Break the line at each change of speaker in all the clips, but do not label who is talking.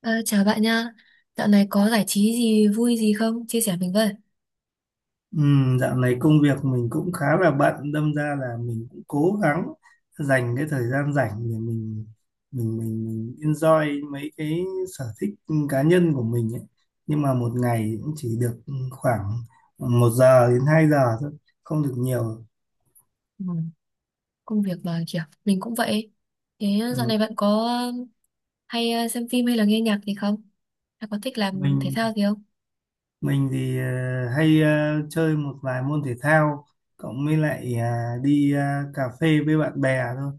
Ờ, Chào bạn nha. Dạo này có giải trí gì vui gì không? Chia sẻ mình với.
Ừ, dạo này công việc mình cũng khá là bận, đâm ra là mình cũng cố gắng dành cái thời gian rảnh để mình enjoy mấy cái sở thích cá nhân của mình ấy. Nhưng mà một ngày cũng chỉ được khoảng 1 giờ đến 2 giờ thôi, không được nhiều.
Ừ, công việc mà kiểu mình cũng vậy. Thế, dạo
Ừ,
này bạn có um, hay xem phim hay là nghe nhạc gì không? Hay có thích làm thể
mình
thao gì không?
Mình thì hay chơi một vài môn thể thao, cộng với lại đi cà phê với bạn bè thôi,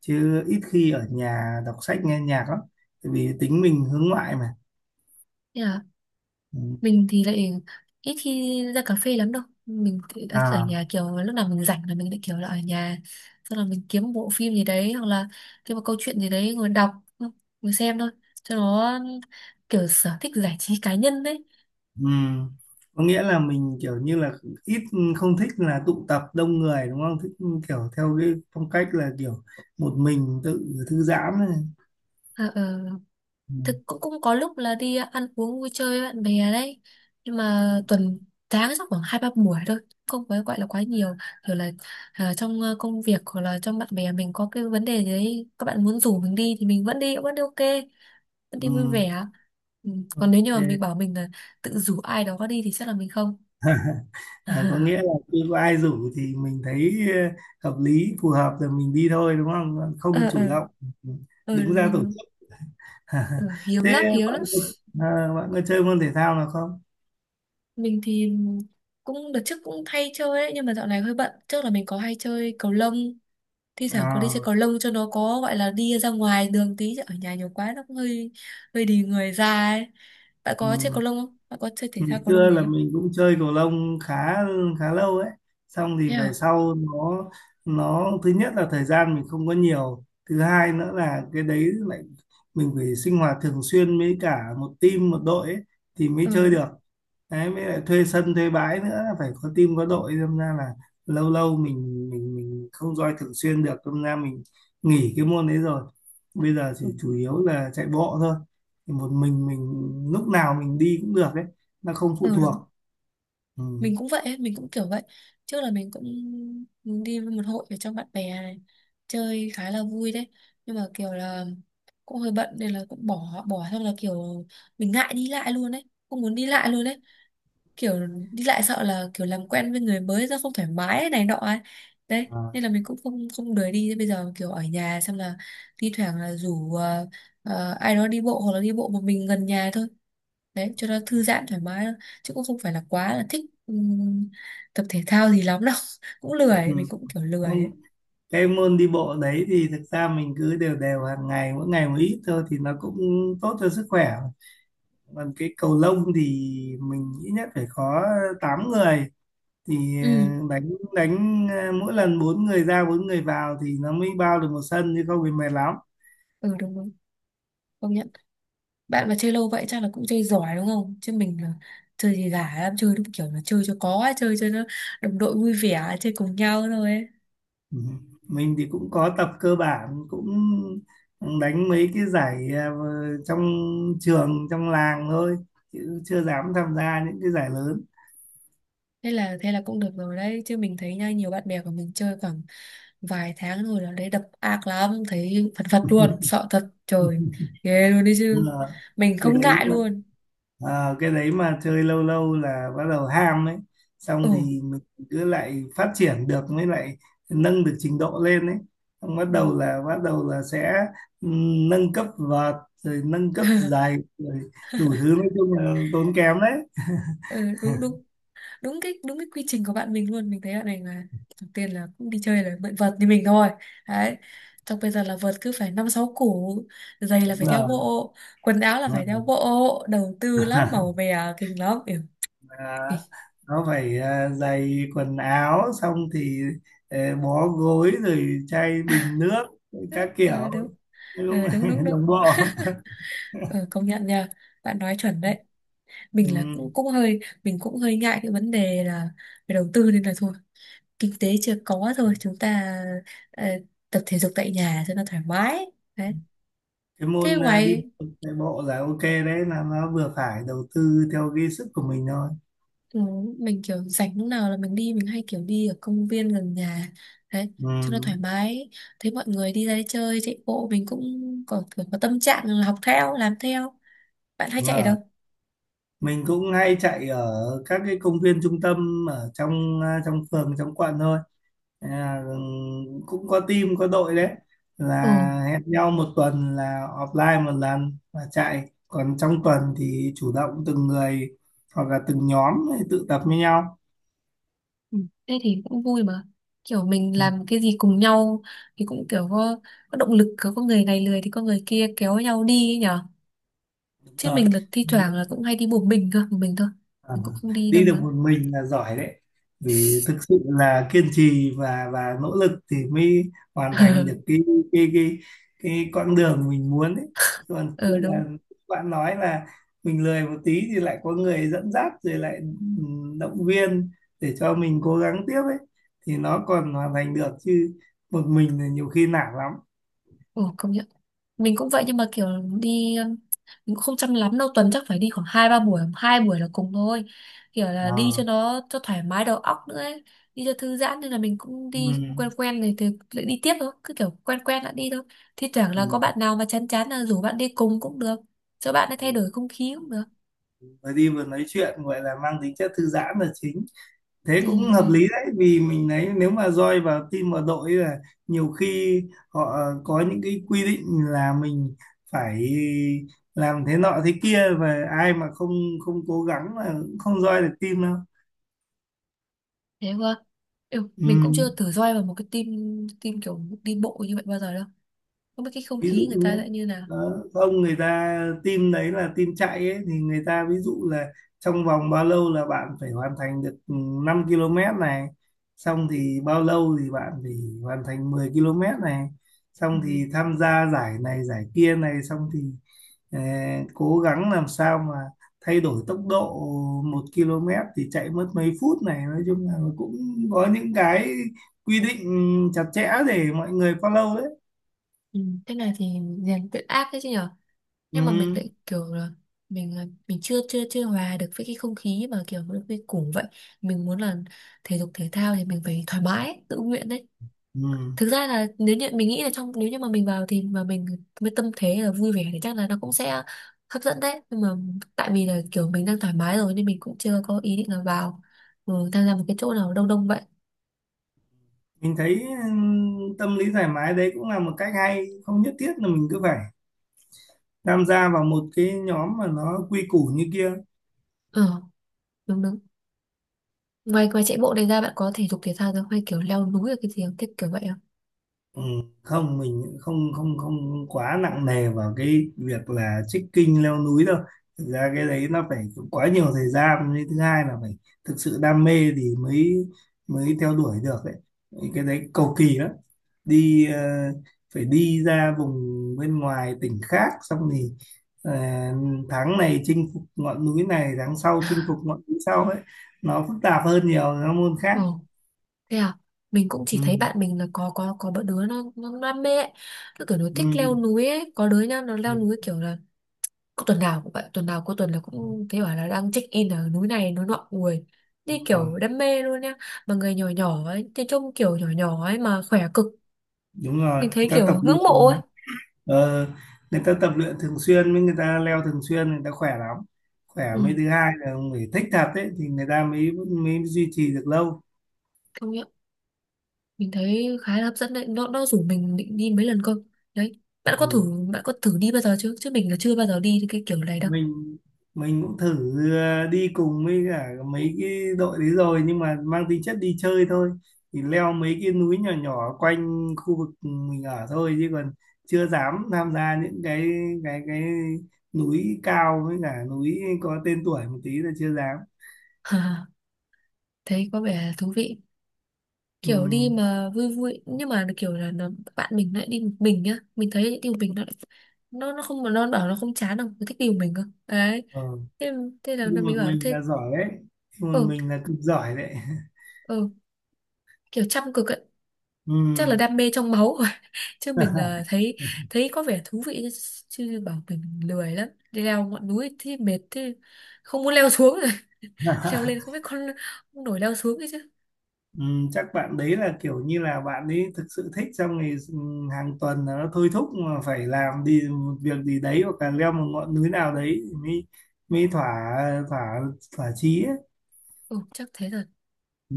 chứ ít khi ở nhà đọc sách nghe nhạc lắm, tại vì tính mình hướng ngoại mà.
Thế à,
Ừ.
mình thì lại ít khi ra cà phê lắm đâu. Mình thì đã thích ở
à
nhà, kiểu lúc nào mình rảnh là mình lại kiểu là ở nhà. Xong là mình kiếm bộ phim gì đấy hoặc là kiếm một câu chuyện gì đấy ngồi đọc, ngồi xem thôi. Cho nó kiểu sở thích giải trí cá nhân đấy.
ừm. Có nghĩa là mình kiểu như là ít, không thích là tụ tập đông người đúng không, thích kiểu theo cái phong cách là kiểu một mình tự thư giãn này.
Ờ, ờ.
Ừ.
Thực cũng cũng có lúc là đi ăn uống vui chơi với bạn bè đấy, nhưng
Ừ.
mà tuần tháng chắc khoảng hai ba buổi thôi, không phải gọi là quá nhiều. Kiểu là trong công việc hoặc là trong bạn bè mình có cái vấn đề gì đấy các bạn muốn rủ mình đi thì mình vẫn đi ok, vẫn đi
Ừ,
vui vẻ. Ừ. Còn nếu như mà mình
ok.
bảo mình là tự rủ ai đó đi thì chắc là mình không.
À, có nghĩa là khi có ai rủ thì mình thấy hợp lý, phù hợp rồi mình đi thôi đúng không? Ờ, không
Ờ, ờ,
chủ động
ờ.
đứng
Đúng,
ra tổ
đúng, đúng.
chức.
Ờ, Hiếm
Thế
lắm, hiếm
bạn
lắm.
bạn có chơi môn thể thao nào không?
Mình thì cũng đợt trước cũng hay chơi ấy, nhưng mà dạo này hơi bận. Trước là mình có hay chơi cầu lông, thi thoảng có đi xe
À,
cầu lông cho nó có, gọi là đi ra ngoài đường tí, chứ ở nhà nhiều quá nó cũng hơi hơi đi người ra ấy. Bạn có chơi cầu
ừ.
lông không? Bạn có chơi thể
Ngày
thao cầu lông
xưa
gì
là
không?
mình cũng chơi cầu lông khá khá lâu ấy. Xong thì
Thế
về
à.
sau, nó thứ nhất là thời gian mình không có nhiều, thứ hai nữa là cái đấy lại mình phải sinh hoạt thường xuyên với cả một team, một đội ấy, thì mới
Ừ,
chơi
đúng.
được. Đấy, với lại thuê sân thuê bãi nữa, phải có team có đội, đâm ra là lâu lâu mình không roi thường xuyên được, đâm ra mình nghỉ cái môn đấy rồi. Bây giờ thì
Ừ,
chủ yếu là chạy bộ thôi, thì một mình lúc nào mình đi cũng được đấy, nó không phụ
ừ, đúng.
thuộc. Ừ.
Mình cũng vậy ấy, mình cũng kiểu vậy. Trước là mình cũng đi với một hội ở trong bạn bè này, chơi khá là vui đấy, nhưng mà kiểu là cũng hơi bận nên là cũng bỏ bỏ. Xong là kiểu mình ngại đi lại luôn đấy, không muốn đi lại luôn đấy. Kiểu đi lại sợ là kiểu làm quen với người mới ra không thoải mái ấy, này nọ ấy. Đấy
À,
nên là mình cũng không không đuổi đi. Bây giờ kiểu ở nhà, xong là thi thoảng là rủ ai đó đi bộ hoặc là đi bộ một mình gần nhà thôi, đấy cho nó thư giãn thoải mái thôi. Chứ cũng không phải là quá là thích tập thể thao gì lắm đâu. Cũng
Ừ.
lười, mình cũng kiểu lười
Không,
ấy.
cái môn đi bộ đấy thì thực ra mình cứ đều đều hàng ngày, mỗi ngày một ít thôi, thì nó cũng tốt cho sức khỏe. Còn cái cầu lông thì mình nghĩ nhất phải có 8 người thì
Ừ,
ờ, đánh đánh ờ, mỗi lần bốn người ra bốn người vào thì nó mới bao được một sân, chứ không thì mệt lắm.
ừ. Đúng, đúng, công nhận. Bạn mà chơi lâu vậy chắc là cũng chơi giỏi đúng không? Chứ mình là chơi gì giả lắm, chơi đúng kiểu là chơi cho có ấy, chơi cho nó đồng đội vui vẻ chơi cùng nhau thôi ấy.
Ừ. Mình thì cũng có tập cơ bản, cũng đánh mấy cái giải trong trường trong làng thôi, chứ chưa dám tham gia những cái giải lớn.
Thế là cũng được rồi đấy chứ, mình thấy nha, nhiều bạn bè của mình chơi khoảng vài tháng rồi là đấy đập ác lắm, thấy phật phật luôn, sợ thật, trời, ghê luôn đấy chứ,
Ờ,
mình
cái
không
đấy
ngại
mà
luôn.
cái đấy mà chơi lâu lâu là bắt đầu ham ấy,
Ồ.
xong thì mình cứ lại phát triển được, mới lại nâng được trình độ lên ấy, xong bắt
Ừ.
đầu là sẽ nâng cấp vợt rồi nâng cấp giày rồi đủ thứ, nói chung là tốn kém đấy.
Ừ, đúng, đúng, đúng cái, đúng cái quy trình của bạn mình luôn. Mình thấy bạn này là đầu tiên là cũng đi chơi là mượn vợt như mình thôi đấy, xong bây giờ là vợt cứ phải năm sáu củ, giày là
Đúng
phải theo
rồi.
bộ, quần áo là
Đúng
phải theo
rồi.
bộ, đầu tư lắm, màu mè kinh lắm.
à,
Ừ.
nó phải, giày quần áo, xong thì ờ, bó gối rồi chai
Ờ,
bình nước các
ờ,
kiểu.
đúng.
Nói chung
Ờ,
là
đúng, đúng, đúng.
đồng bộ.
Ờ, Công nhận nha, bạn nói chuẩn đấy. Mình là
Ừ.
cũng cũng hơi, mình cũng hơi ngại cái vấn đề là về đầu tư, nên là thôi, kinh tế chưa có thôi, chúng ta ờ, tập thể dục tại nhà cho nó thoải mái đấy.
Cái
Thế
môn đi
ngoài...
bộ, chạy bộ là ok đấy, là nó vừa phải đầu tư theo cái sức của mình thôi.
Ừ, mình kiểu rảnh lúc nào là mình đi, mình hay kiểu đi ở công viên gần nhà đấy cho nó
Ừ,
thoải mái. Thấy mọi người đi ra đi chơi chạy bộ mình cũng có tâm trạng là học theo làm theo. Bạn hay
đúng
chạy đâu?
rồi. Mình cũng hay chạy ở các cái công viên trung tâm, ở trong trong phường trong quận thôi, à, cũng có team có đội đấy, là
Ừ.
hẹn nhau một tuần là offline một lần và chạy, còn trong tuần thì chủ động từng người hoặc là từng nhóm tự tập với nhau.
Ừ, thế thì cũng vui mà, kiểu mình
Ừ,
làm cái gì cùng nhau thì cũng kiểu có động lực, có người này lười thì có người kia kéo nhau đi ấy nhở.
đúng
Chứ
rồi.
mình là thi thoảng là cũng hay đi một mình cơ, một mình thôi,
Ờ,
mình cũng không đi đâu
đi được
nữa.
một mình là giỏi đấy, vì thực sự là kiên trì và nỗ lực thì mới hoàn thành được cái cái cái con đường mình muốn ấy. Còn kia
Ờ, đúng.
là bạn nói là mình lười một tí thì lại có người dẫn dắt rồi lại động viên để cho mình cố gắng tiếp ấy, thì nó còn hoàn thành được, chứ một mình là nhiều khi nản lắm.
Ồ, công nhận. Mình cũng vậy nhưng mà kiểu đi mình cũng không chăm lắm đâu, tuần chắc phải đi khoảng hai ba buổi, hai buổi là cùng thôi, kiểu là đi
Ờ,
cho nó cho thoải mái đầu óc nữa ấy. Đi cho thư giãn nên là mình cũng đi quen
ừm,
quen này thì lại đi tiếp thôi, cứ kiểu quen quen đã đi thôi. Thi thoảng là có
ừm.
bạn nào mà chán chán là rủ bạn đi cùng cũng được, cho bạn ấy thay đổi không khí cũng được.
Vừa đi vừa nói chuyện gọi là mang tính chất thư giãn là chính, thế
Ừ,
cũng
ừ.
hợp lý đấy, vì mình thấy nếu mà roi vào team vào đội là nhiều khi họ có những cái quy định là mình phải làm thế nọ thế kia, và ai mà không không cố gắng là cũng không roi được team đâu.
Thế thôi. Ừ,
Ừ.
mình cũng chưa thử join vào một cái team, kiểu đi bộ như vậy bao giờ đâu, không biết cái không
Ví dụ
khí người ta
nhé,
lại như nào.
đó, ông người ta team đấy là team chạy ấy, thì người ta ví dụ là trong vòng bao lâu là bạn phải hoàn thành được 5 km này, xong thì bao lâu thì bạn phải hoàn thành 10 km này,
Ừ.
xong thì tham gia giải này giải kia này, xong thì ờ, cố gắng làm sao mà thay đổi tốc độ 1 km thì chạy mất mấy phút này, nói chung là cũng có những cái quy định chặt chẽ để mọi người follow đấy.
Ừ, thế này thì rèn luyện ác đấy chứ nhở. Nhưng mà mình
Ừ.
lại kiểu là mình chưa chưa chưa hòa được với cái không khí mà kiểu nó quy củ vậy. Mình muốn là thể dục thể thao thì mình phải thoải mái tự nguyện đấy.
Ừ.
Thực ra là nếu như mình nghĩ là trong, nếu như mà mình vào thì mà mình với tâm thế là vui vẻ thì chắc là nó cũng sẽ hấp dẫn đấy, nhưng mà tại vì là kiểu mình đang thoải mái rồi nên mình cũng chưa có ý định là vào, ừ, tham gia một cái chỗ nào đông đông vậy.
Mình thấy tâm lý thoải mái đấy cũng là một cách hay, không nhất thiết là mình cứ phải tham gia vào một cái nhóm mà nó quy củ như kia.
Ờ, đúng, đúng. Ngoài ngoài chạy bộ này ra, bạn có thể dục thể thao ra hay kiểu leo núi ở cái gì không? Thích kiểu vậy
Ừ, không, mình không không không quá nặng nề vào cái việc là trekking leo núi đâu. Thực ra cái đấy nó phải quá nhiều thời gian, với thứ hai là phải thực sự đam mê thì mới mới theo đuổi được đấy. Cái đấy cầu kỳ lắm, đi ờ, phải đi ra vùng bên ngoài tỉnh khác, xong thì ờ, tháng này chinh phục ngọn núi này, tháng sau chinh phục
không?
ngọn núi sau ấy, nó phức tạp hơn nhiều, nó môn khác.
Ồ, thế à? Mình cũng
Ừ.
chỉ thấy bạn mình là có bọn đứa nó đam mê ấy. Nó kiểu nó
Ừ.
thích leo núi ấy, có đứa nha, nó
Ừ.
leo núi
Ừ,
kiểu là có tuần nào cũng vậy, tuần nào cuối tuần là
ừ.
cũng thấy bảo là đang check in ở núi này núi nọ, ui. Như
Đúng rồi.
kiểu đam mê luôn nha. Mà người nhỏ nhỏ ấy, thì trông kiểu nhỏ nhỏ ấy mà khỏe cực.
Đúng rồi,
Mình
người
thấy
ta tập
kiểu ngưỡng mộ
luyện
ấy.
mà. ờ, Người ta tập luyện thường xuyên với người ta leo thường xuyên, người ta khỏe lắm. Khỏe,
Ừ,
mới thứ hai là ông phải thích thật ấy thì người ta mới mới duy trì được lâu.
công nhận. Mình thấy khá là hấp dẫn đấy. Nó rủ mình định đi mấy lần cơ. Đấy.
Ừ.
Bạn có thử
Ừ.
Bạn có thử đi bao giờ chưa? Chứ mình là chưa bao giờ đi cái kiểu này đâu.
mình mình cũng thử đi cùng với cả mấy cái đội đấy rồi, nhưng mà mang tính chất đi chơi thôi, thì leo mấy cái núi nhỏ nhỏ quanh khu vực mình ở thôi, chứ còn chưa dám tham gia những cái núi cao với cả núi có tên tuổi một tí là chưa dám.
Thấy có vẻ thú vị.
Ừ.
Kiểu đi mà vui vui nhưng mà kiểu là nó, bạn mình lại đi một mình nhá, mình thấy đi một mình nó không, nó bảo nó không chán đâu, nó thích đi một mình cơ đấy.
Ờ.
Thế, thế là
Đi một
mình bảo
mình
thế.
là giỏi đấy, đi một
Ừ,
mình là cực giỏi đấy.
ừ. Kiểu chăm cực ấy. Chắc là
Ừ.
đam mê trong máu rồi. Chứ mình là thấy, thấy có vẻ thú vị chứ chứ bảo mình lười lắm, đi leo ngọn núi thì mệt thế, không muốn leo xuống rồi. Leo lên không biết con nổi leo xuống ấy chứ.
Ừ, chắc bạn đấy là kiểu như là bạn ấy thực sự thích, trong ngày hàng tuần là nó thôi thúc mà phải làm đi một việc gì đấy, hoặc là leo một ngọn núi nào đấy thì mới mới thỏa thỏa thỏa chí ấy.
Ừ, chắc thế rồi.
Ừ.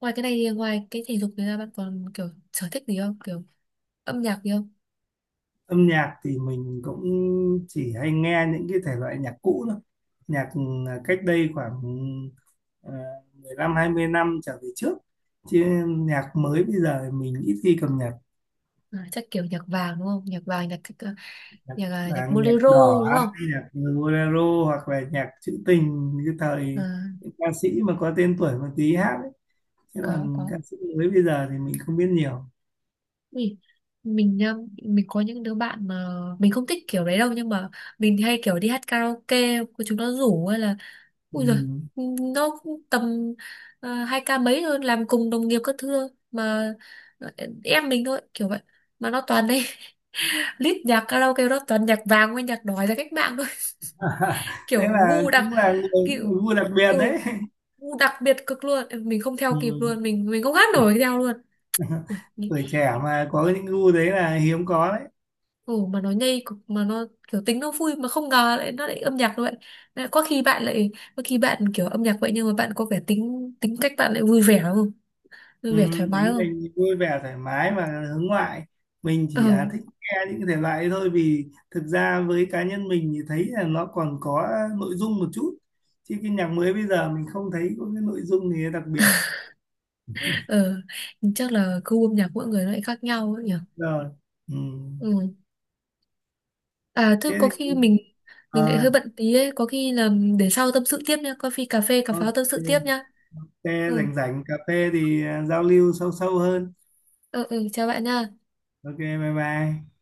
Ngoài cái này thì ngoài cái thể dục này ra bạn còn kiểu sở thích gì không, kiểu âm nhạc gì không?
Âm nhạc thì mình cũng chỉ hay nghe những cái thể loại nhạc cũ thôi, nhạc cách đây khoảng à, 10 20 năm trở về trước, chứ nhạc mới bây giờ thì mình ít khi cập nhật,
Ờ, chắc kiểu nhạc vàng đúng không? Nhạc vàng, nhạc nhạc,
nhạc
nhạc, ờ, nhạc
vàng nhạc
bolero
đỏ
đúng
hay
không?
nhạc bolero hoặc là nhạc trữ tình như
Ờ,
thời những ca sĩ mà có tên tuổi một tí hát ấy. Chứ
có,
còn
có.
ca sĩ mới bây giờ thì mình không biết nhiều.
Ui, mình nhá, mình có những đứa bạn mà mình không thích kiểu đấy đâu, nhưng mà mình hay kiểu đi hát karaoke của chúng nó rủ hay là,
Ừ.
ui giời, nó cũng tầm hai ca mấy thôi, làm cùng đồng nghiệp các thưa mà ờ, em mình thôi kiểu vậy, mà nó toàn đấy. List nhạc karaoke nó toàn nhạc vàng với nhạc đói ra cách mạng thôi.
Thế
Kiểu
là
ngu đặc,
cũng là người
kiểu
gu đặc biệt
ừ
đấy.
đặc biệt cực luôn. Ừ, mình không theo
Ừ.
kịp luôn, mình không hát nổi theo luôn. Ui,
Tuổi trẻ mà có những gu đấy là hiếm có.
ồ mà nó nhây cực, mà nó kiểu tính nó vui mà không ngờ lại nó lại âm nhạc như vậy. Lại có khi bạn lại Có khi bạn kiểu âm nhạc vậy nhưng mà bạn có vẻ tính tính cách bạn lại vui
Ừ,
vẻ thoải mái
tính
không?
mình thì vui vẻ thoải mái mà, hướng ngoại, mình
Ờ,
chỉ thích nghe những cái thể loại ấy thôi, vì thực ra với cá nhân mình thì thấy là nó còn có nội dung một chút, chứ cái nhạc mới bây giờ mình không thấy có cái nội dung gì đặc biệt.
ờ. Chắc là gu âm nhạc mỗi người nó lại khác nhau ấy nhỉ.
Rồi. Ừ.
Ừ. À thôi
Thế
có
thì
khi mình, lại hơi
à,
bận tí ấy, có khi là để sau tâm sự tiếp nha, coffee cà phê cà
ok.
pháo tâm sự
Thế
tiếp nha. Ừ,
rảnh rảnh cà phê thì giao lưu sâu sâu hơn.
ừ, ừ, chào bạn nha.
Ok, bye bye.